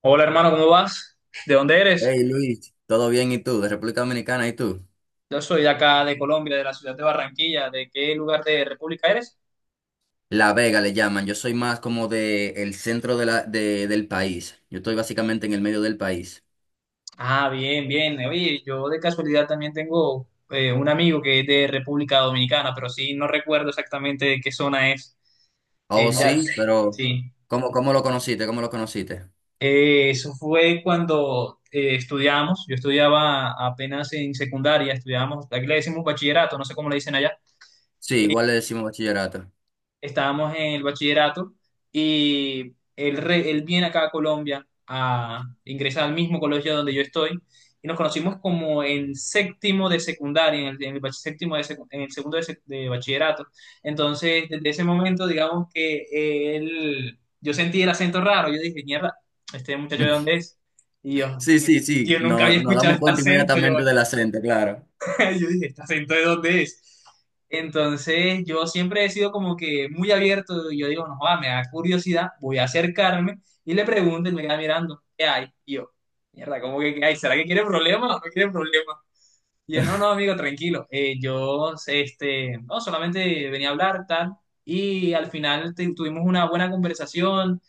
Hola hermano, ¿cómo vas? ¿De dónde eres? Hey Luis, ¿todo bien? ¿Y tú? De República Dominicana, ¿y tú? Yo soy de acá, de Colombia, de la ciudad de Barranquilla. ¿De qué lugar de República eres? La Vega le llaman. Yo soy más como de el centro de del país. Yo estoy básicamente en el medio del país. Ah, bien, bien. Oye, yo de casualidad también tengo un amigo que es de República Dominicana, pero sí, no recuerdo exactamente de qué zona es. Ah, oh, Él ya, oh, sí, sí. pero Sí. ¿cómo lo conociste? ¿Cómo lo conociste? Eso fue cuando estudiamos. Yo estudiaba apenas en secundaria, estudiábamos, aquí le decimos bachillerato, no sé cómo le dicen allá. Sí, igual le decimos bachillerato. Estábamos en el bachillerato y él, él viene acá a Colombia a ingresar al mismo colegio donde yo estoy y nos conocimos como en séptimo de secundaria, en el bach- séptimo de secu- en el segundo de, de bachillerato. Entonces, desde ese momento, digamos que él, yo sentí el acento raro, yo dije, mierda, este muchacho de dónde es. Y yo, Sí, sí, sí. yo nunca No, había nos escuchado damos este cuenta acento, inmediatamente yo, del acento, claro. yo dije, ¿este acento de dónde es? Entonces, yo siempre he sido como que muy abierto. Y yo digo, no, joda, me da curiosidad, voy a acercarme y le pregunto y me queda mirando, ¿qué hay? Y yo, mierda, ¿cómo que qué hay? ¿Será que quiere problema o no quiere problema? Y yo, no, no, amigo, tranquilo. Yo, este, no, solamente venía a hablar, tal. Y al final tuvimos una buena conversación.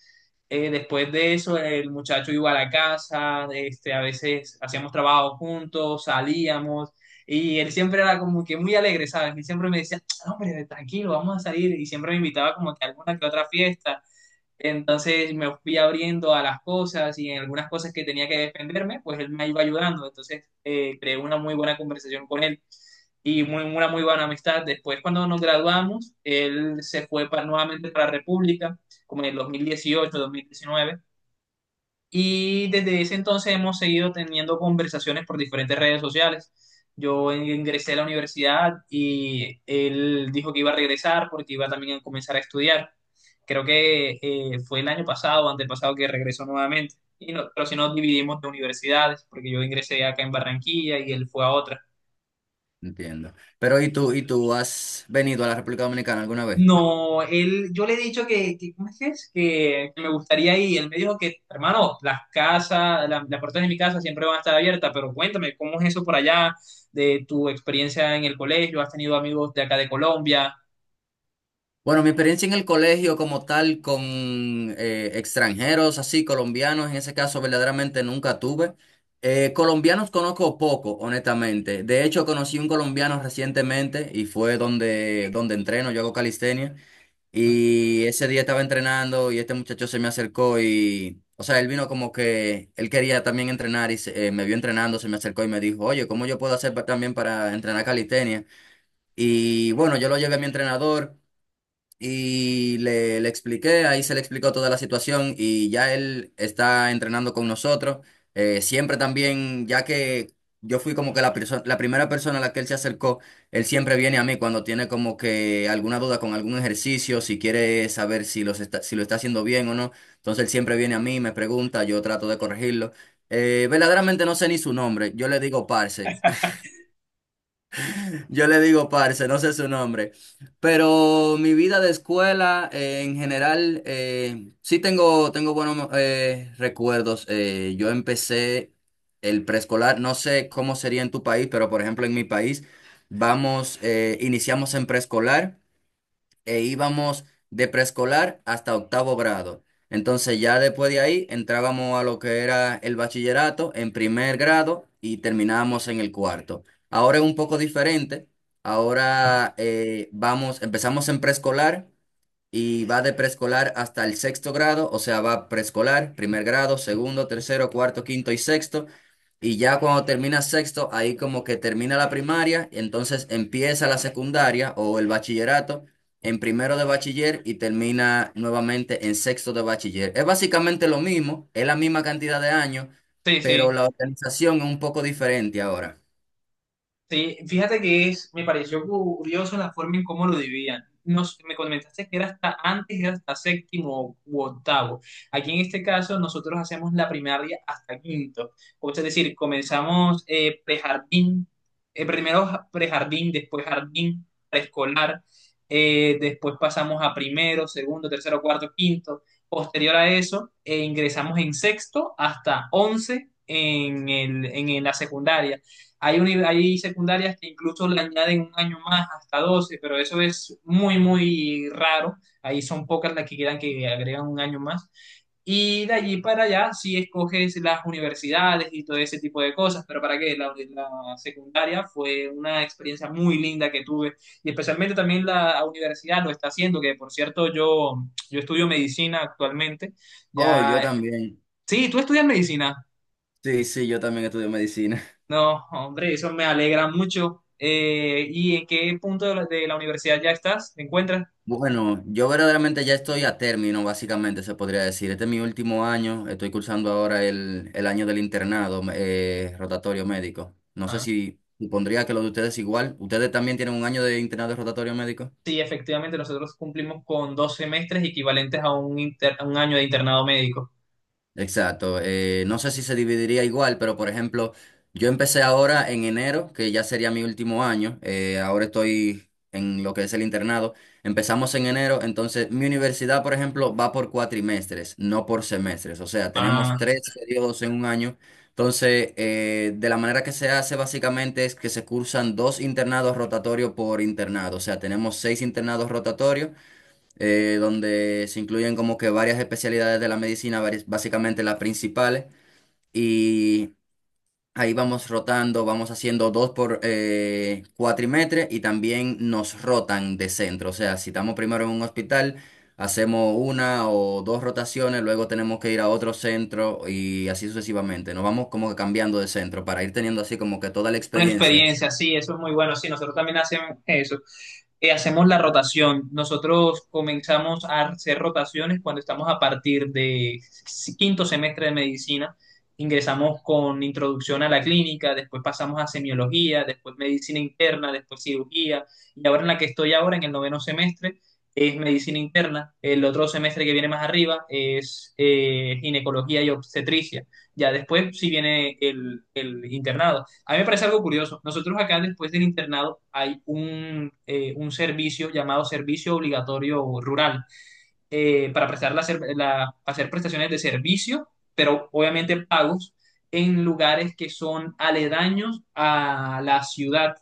Después de eso, el muchacho iba a la casa, este, a veces hacíamos trabajo juntos, salíamos, y él siempre era como que muy alegre, ¿sabes? Y siempre me decía, "No, hombre, tranquilo, vamos a salir", y siempre me invitaba como que a alguna que otra fiesta, entonces me fui abriendo a las cosas y en algunas cosas que tenía que defenderme, pues él me iba ayudando. Entonces creé una muy buena conversación con él y una muy buena amistad. Después cuando nos graduamos, él se fue nuevamente para la República, como en el 2018, 2019, y desde ese entonces hemos seguido teniendo conversaciones por diferentes redes sociales. Yo ingresé a la universidad y él dijo que iba a regresar porque iba también a comenzar a estudiar. Creo que fue el año pasado, antepasado, que regresó nuevamente. Pero si nos dividimos de universidades, porque yo ingresé acá en Barranquilla y él fue a otra. Entiendo. Pero ¿y tú? ¿Y tú has venido a la República Dominicana alguna vez? No, él, yo le he dicho que, ¿cómo es? Que me gustaría ir. Él me dijo que, hermano, las casas, las puertas de mi casa siempre van a estar abiertas, pero cuéntame, ¿cómo es eso por allá? De tu experiencia en el colegio, ¿has tenido amigos de acá de Colombia? Bueno, mi experiencia en el colegio como tal con extranjeros, así colombianos, en ese caso verdaderamente nunca tuve. Colombianos conozco poco, honestamente. De hecho, conocí un colombiano recientemente y fue donde, donde entreno, yo hago calistenia. Y ese día estaba entrenando y este muchacho se me acercó y, o sea, él vino como que él quería también entrenar y me vio entrenando, se me acercó y me dijo, oye, ¿cómo yo puedo hacer también para entrenar calistenia? Y bueno, yo lo llevé a mi entrenador. Y le expliqué, ahí se le explicó toda la situación y ya él está entrenando con nosotros. Siempre también, ya que yo fui como que la primera persona a la que él se acercó, él siempre viene a mí cuando tiene como que alguna duda con algún ejercicio, si quiere saber si lo está haciendo bien o no. Entonces él siempre viene a mí, me pregunta, yo trato de corregirlo. Verdaderamente no sé ni su nombre, yo le digo parce, no sé su nombre. Pero mi vida de escuela, en general, sí tengo, tengo buenos recuerdos. Yo empecé el preescolar, no sé cómo sería en tu país, pero por ejemplo en mi país, vamos, iniciamos en preescolar e íbamos de preescolar hasta octavo grado. Entonces ya después de ahí entrábamos a lo que era el bachillerato en primer grado y terminábamos en el cuarto. Ahora es un poco diferente. Ahora vamos, empezamos en preescolar y va de preescolar hasta el sexto grado, o sea, va preescolar, primer grado, segundo, tercero, cuarto, quinto y sexto. Y ya cuando termina sexto, ahí como que termina la primaria, y entonces empieza la secundaria o el bachillerato en primero de bachiller y termina nuevamente en sexto de bachiller. Es básicamente lo mismo, es la misma cantidad de años, Sí, pero sí. la organización es un poco diferente ahora. Sí, fíjate que es, me pareció curioso la forma en cómo lo dividían. Nos, me comentaste que era hasta antes, era hasta séptimo u octavo. Aquí en este caso nosotros hacemos la primaria hasta quinto. O sea, es decir, comenzamos prejardín, prejardín, después jardín, preescolar, después pasamos a primero, segundo, tercero, cuarto, quinto. Posterior a eso, ingresamos en sexto hasta once en la secundaria. Hay secundarias que incluso le añaden un año más, hasta doce, pero eso es muy, muy raro. Ahí son pocas las que quedan que agregan un año más. Y de allí para allá sí escoges las universidades y todo ese tipo de cosas, pero para qué, la secundaria fue una experiencia muy linda que tuve y especialmente también la universidad lo está haciendo, que por cierto yo estudio medicina actualmente. Oh, yo Ya, también. sí, tú estudias medicina. Sí, sí, yo también estudio medicina. No, hombre, eso me alegra mucho. ¿Y en qué punto de la universidad ya estás? ¿Te encuentras? Bueno, yo verdaderamente ya estoy a término, básicamente se podría decir. Este es mi último año, estoy cursando ahora el año del internado rotatorio médico. No sé Ah, si supondría que lo de ustedes igual. ¿Ustedes también tienen un año de internado rotatorio médico? sí, efectivamente, nosotros cumplimos con dos semestres equivalentes a un, a un año de internado médico. Exacto. No sé si se dividiría igual, pero por ejemplo, yo empecé ahora en enero, que ya sería mi último año. Ahora estoy en lo que es el internado. Empezamos en enero, entonces mi universidad, por ejemplo, va por cuatrimestres, no por semestres. O sea, tenemos Ah, tres periodos en un año. Entonces, de la manera que se hace básicamente es que se cursan dos internados rotatorios por internado. O sea, tenemos seis internados rotatorios donde se incluyen como que varias especialidades de la medicina, básicamente las principales, y ahí vamos rotando, vamos haciendo dos por cuatrimestre y también nos rotan de centro, o sea, si estamos primero en un hospital, hacemos una o dos rotaciones, luego tenemos que ir a otro centro y así sucesivamente, nos vamos como que cambiando de centro para ir teniendo así como que toda la una experiencia. experiencia, sí, eso es muy bueno. Sí, nosotros también hacemos eso. Hacemos la rotación. Nosotros comenzamos a hacer rotaciones cuando estamos a partir de quinto semestre de medicina. Ingresamos con introducción a la clínica, después pasamos a semiología, después medicina interna, después cirugía. Y ahora en la que estoy ahora, en el noveno semestre, es medicina interna. El otro semestre que viene más arriba es ginecología y obstetricia. Ya después sí viene el internado. A mí me parece algo curioso. Nosotros acá después del internado hay un servicio llamado Servicio Obligatorio Rural para prestar hacer prestaciones de servicio, pero obviamente pagos en lugares que son aledaños a la ciudad.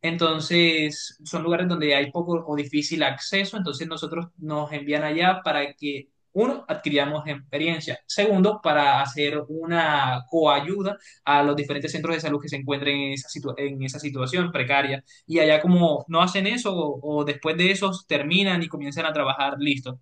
Entonces, son lugares donde hay poco o difícil acceso, entonces nosotros nos envían allá para que, uno, adquiramos experiencia. Segundo, para hacer una coayuda a los diferentes centros de salud que se encuentren en esa situación precaria. Y allá como no hacen eso o después de eso terminan y comienzan a trabajar, listo.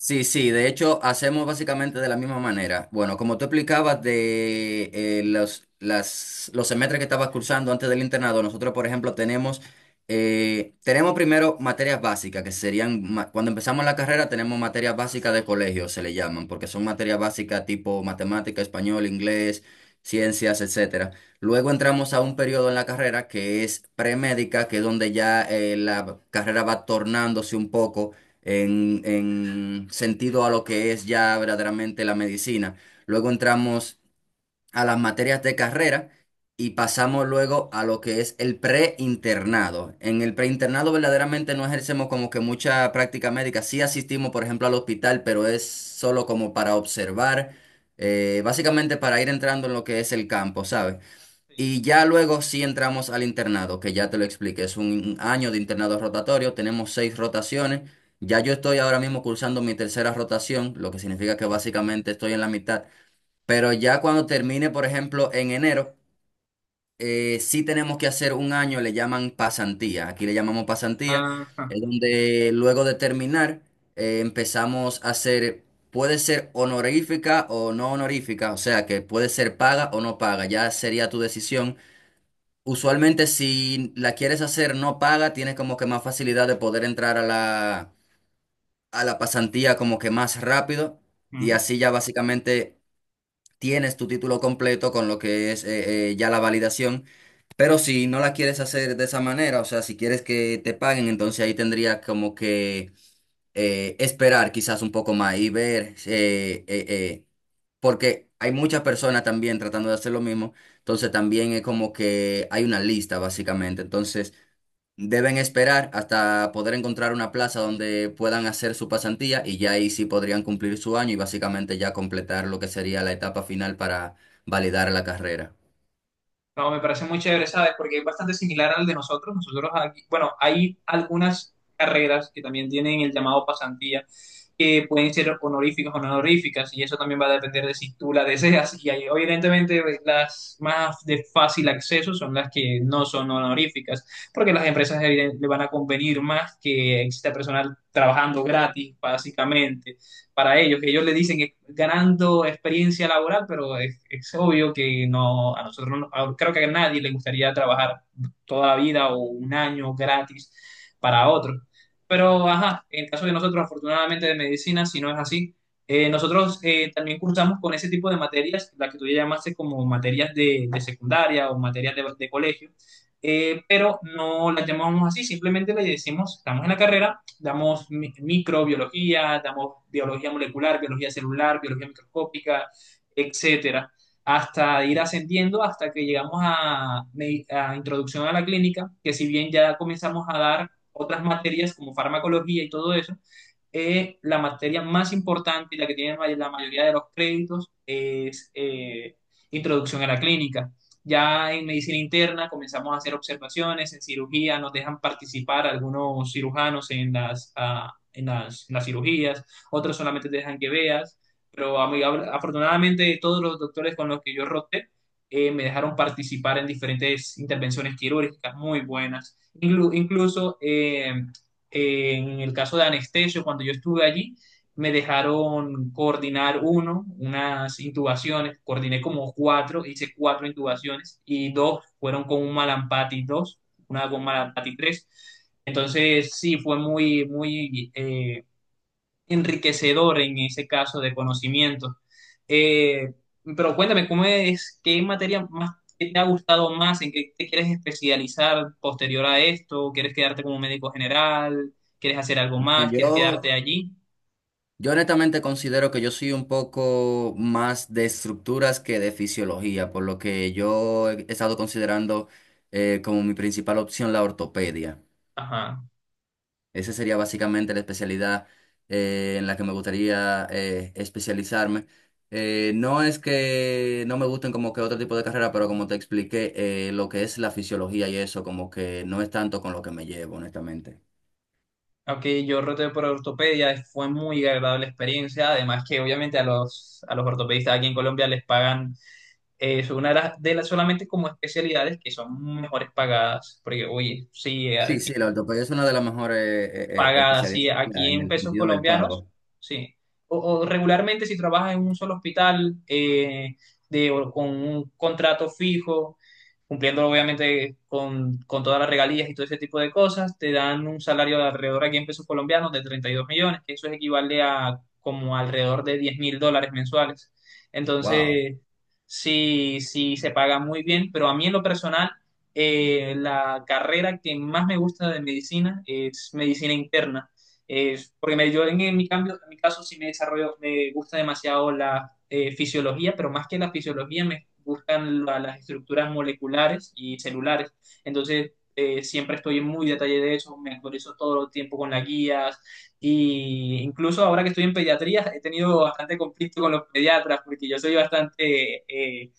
Sí, sí, de hecho hacemos básicamente de la misma manera. Bueno, como tú explicabas de los semestres que estabas cursando antes del internado, nosotros, por ejemplo, tenemos, tenemos primero materias básicas, que serían, cuando empezamos la carrera tenemos materias básicas de colegio, se le llaman, porque son materias básicas tipo matemática, español, inglés, ciencias, etcétera. Luego entramos a un periodo en la carrera que es premédica, que es donde ya la carrera va tornándose un poco en sentido a lo que es ya verdaderamente la medicina. Luego entramos a las materias de carrera y pasamos luego a lo que es el preinternado. En el preinternado verdaderamente no ejercemos como que mucha práctica médica. Sí asistimos, por ejemplo, al hospital, pero es solo como para observar, básicamente para ir entrando en lo que es el campo, ¿sabes? Y ya luego sí entramos al internado, que ya te lo expliqué, es un año de internado rotatorio, tenemos seis rotaciones, ya yo estoy ahora mismo cursando mi tercera rotación, lo que significa que básicamente estoy en la mitad, pero ya cuando termine, por ejemplo, en enero, sí tenemos que hacer un año, le llaman pasantía, aquí le llamamos pasantía, Ajá. es donde luego de terminar empezamos a hacer, puede ser honorífica o no honorífica, o sea que puede ser paga o no paga, ya sería tu decisión. Usualmente si la quieres hacer no paga, tienes como que más facilidad de poder entrar a a la pasantía como que más rápido y así ya básicamente tienes tu título completo con lo que es ya la validación. Pero si no la quieres hacer de esa manera, o sea, si quieres que te paguen, entonces ahí tendría como que esperar quizás un poco más y ver, porque hay muchas personas también tratando de hacer lo mismo, entonces también es como que hay una lista básicamente, entonces deben esperar hasta poder encontrar una plaza donde puedan hacer su pasantía y ya ahí sí podrían cumplir su año y básicamente ya completar lo que sería la etapa final para validar la carrera. No, me parece muy chévere, ¿sabes? Porque es bastante similar al de nosotros. Nosotros aquí, bueno, hay algunas carreras que también tienen el llamado pasantía, que pueden ser honoríficas o no honoríficas, y eso también va a depender de si tú la deseas. Y ahí, evidentemente, pues, las más de fácil acceso son las que no son honoríficas, porque las empresas le van a convenir más que exista personal trabajando gratis, básicamente para ellos, que ellos le dicen ganando experiencia laboral, pero es obvio que no, a nosotros creo que a nadie le gustaría trabajar toda la vida o un año gratis para otro. Pero, ajá, en el caso de nosotros, afortunadamente de medicina, si no es así, nosotros también cursamos con ese tipo de materias, la que tú ya llamaste como materias de secundaria o materias de colegio, pero no las llamamos así, simplemente le decimos, estamos en la carrera, damos microbiología, damos biología molecular, biología celular, biología microscópica, etcétera, hasta ir ascendiendo hasta que llegamos a introducción a la clínica, que si bien ya comenzamos a dar otras materias como farmacología y todo eso, la materia más importante y la que tiene la mayoría de los créditos es introducción a la clínica. Ya en medicina interna comenzamos a hacer observaciones, en cirugía nos dejan participar algunos cirujanos en las, ah, en las cirugías, otros solamente te dejan que veas, pero afortunadamente todos los doctores con los que yo roté me dejaron participar en diferentes intervenciones quirúrgicas muy buenas. Incluso en el caso de anestesio, cuando yo estuve allí, me dejaron coordinar unas intubaciones, coordiné como cuatro, hice cuatro intubaciones y dos fueron con un malampati 2, una con malampati 3. Entonces, sí, fue muy enriquecedor en ese caso de conocimiento. Eh, pero cuéntame, ¿cómo es, qué materia más, qué te ha gustado más? ¿En qué te quieres especializar posterior a esto? ¿Quieres quedarte como médico general? ¿Quieres hacer algo más? Bueno, ¿Quieres yo quedarte allí? Yo honestamente considero que yo soy un poco más de estructuras que de fisiología, por lo que yo he estado considerando como mi principal opción la ortopedia. Ajá. Esa sería básicamente la especialidad en la que me gustaría especializarme. No es que no me gusten como que otro tipo de carrera, pero como te expliqué, lo que es la fisiología y eso, como que no es tanto con lo que me llevo, honestamente. Ok, yo roté por ortopedia, fue muy agradable experiencia, además que obviamente a los ortopedistas aquí en Colombia les pagan, es una de las solamente como especialidades que son mejores pagadas, porque oye, sí, Sí, sí, la ortopedia es una de las mejores pagada, sí, especialidades aquí en en el pesos sentido del colombianos, pago. sí. O regularmente si trabajas en un solo hospital o con un contrato fijo, cumpliendo obviamente con todas las regalías y todo ese tipo de cosas, te dan un salario de alrededor aquí en pesos colombianos de 32 millones, que eso equivale a como alrededor de 10 mil dólares mensuales. Wow, Entonces, sí, sí se paga muy bien, pero a mí en lo personal la carrera que más me gusta de medicina es medicina interna. Porque me, yo en mi cambio, en mi caso sí me desarrollo, me gusta demasiado la fisiología, pero más que la fisiología me gustan las estructuras moleculares y celulares. Entonces, siempre estoy en muy detalle de eso, me actualizo todo el tiempo con las guías, y incluso ahora que estoy en pediatría he tenido bastante conflicto con los pediatras porque yo soy bastante eh,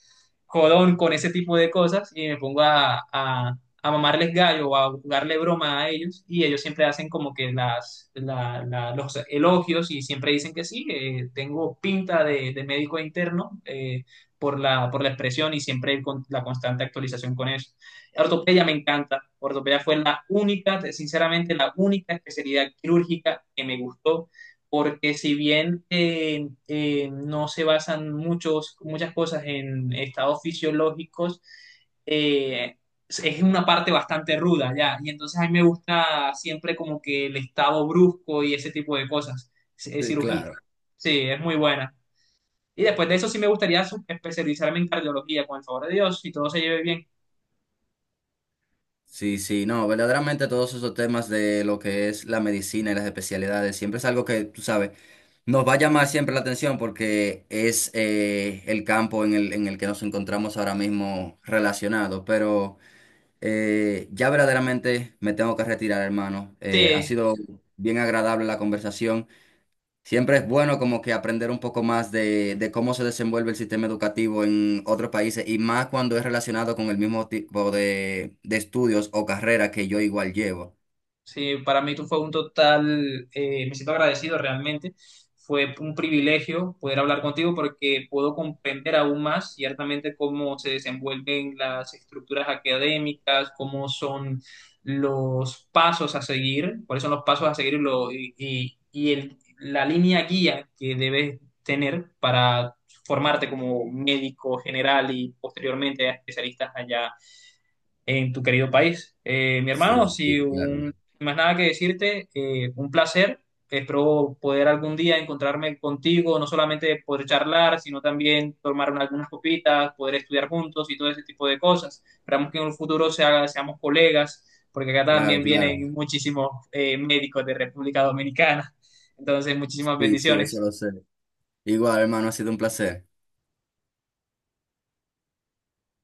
jodón con ese tipo de cosas y me pongo a mamarles gallo o a jugarle broma a ellos, y ellos siempre hacen como que los elogios y siempre dicen que sí, tengo pinta de médico interno, por por la expresión y siempre con la constante actualización con eso. Ortopedia me encanta, ortopedia fue la única, sinceramente la única especialidad quirúrgica que me gustó porque si bien no se basan muchas cosas en estados fisiológicos, eh, es una parte bastante ruda, ya, y entonces a mí me gusta siempre como que el estado brusco y ese tipo de cosas, sí, cirugía, claro. sí, es muy buena. Y después de eso sí me gustaría especializarme en cardiología, con el favor de Dios, si todo se lleve bien. Sí, sí, no, verdaderamente todos esos temas de lo que es la medicina y las especialidades siempre es algo que, tú sabes, nos va a llamar siempre la atención porque es el campo en el que nos encontramos ahora mismo relacionados. Pero ya verdaderamente me tengo que retirar, hermano. Ha Sí, sido bien agradable la conversación. Siempre es bueno como que aprender un poco más de cómo se desenvuelve el sistema educativo en otros países y más cuando es relacionado con el mismo tipo de estudios o carrera que yo igual llevo. sí, para mí tú fue un total, me siento agradecido realmente. Fue un privilegio poder hablar contigo porque puedo comprender aún más ciertamente cómo se desenvuelven las estructuras académicas, cómo son los pasos a seguir, cuáles son los pasos a seguir y, la línea guía que debes tener para formarte como médico general y posteriormente a especialistas allá en tu querido país. Mi hermano, Sí, si sí, claro. un, más nada que decirte, un placer. Espero poder algún día encontrarme contigo, no solamente poder charlar, sino también tomar algunas copitas, poder estudiar juntos y todo ese tipo de cosas. Esperamos que en un futuro seamos colegas, porque acá Claro, también claro. vienen muchísimos médicos de República Dominicana. Entonces, muchísimas Sí, sí, eso lo bendiciones. sé. Igual, hermano, ha sido un placer.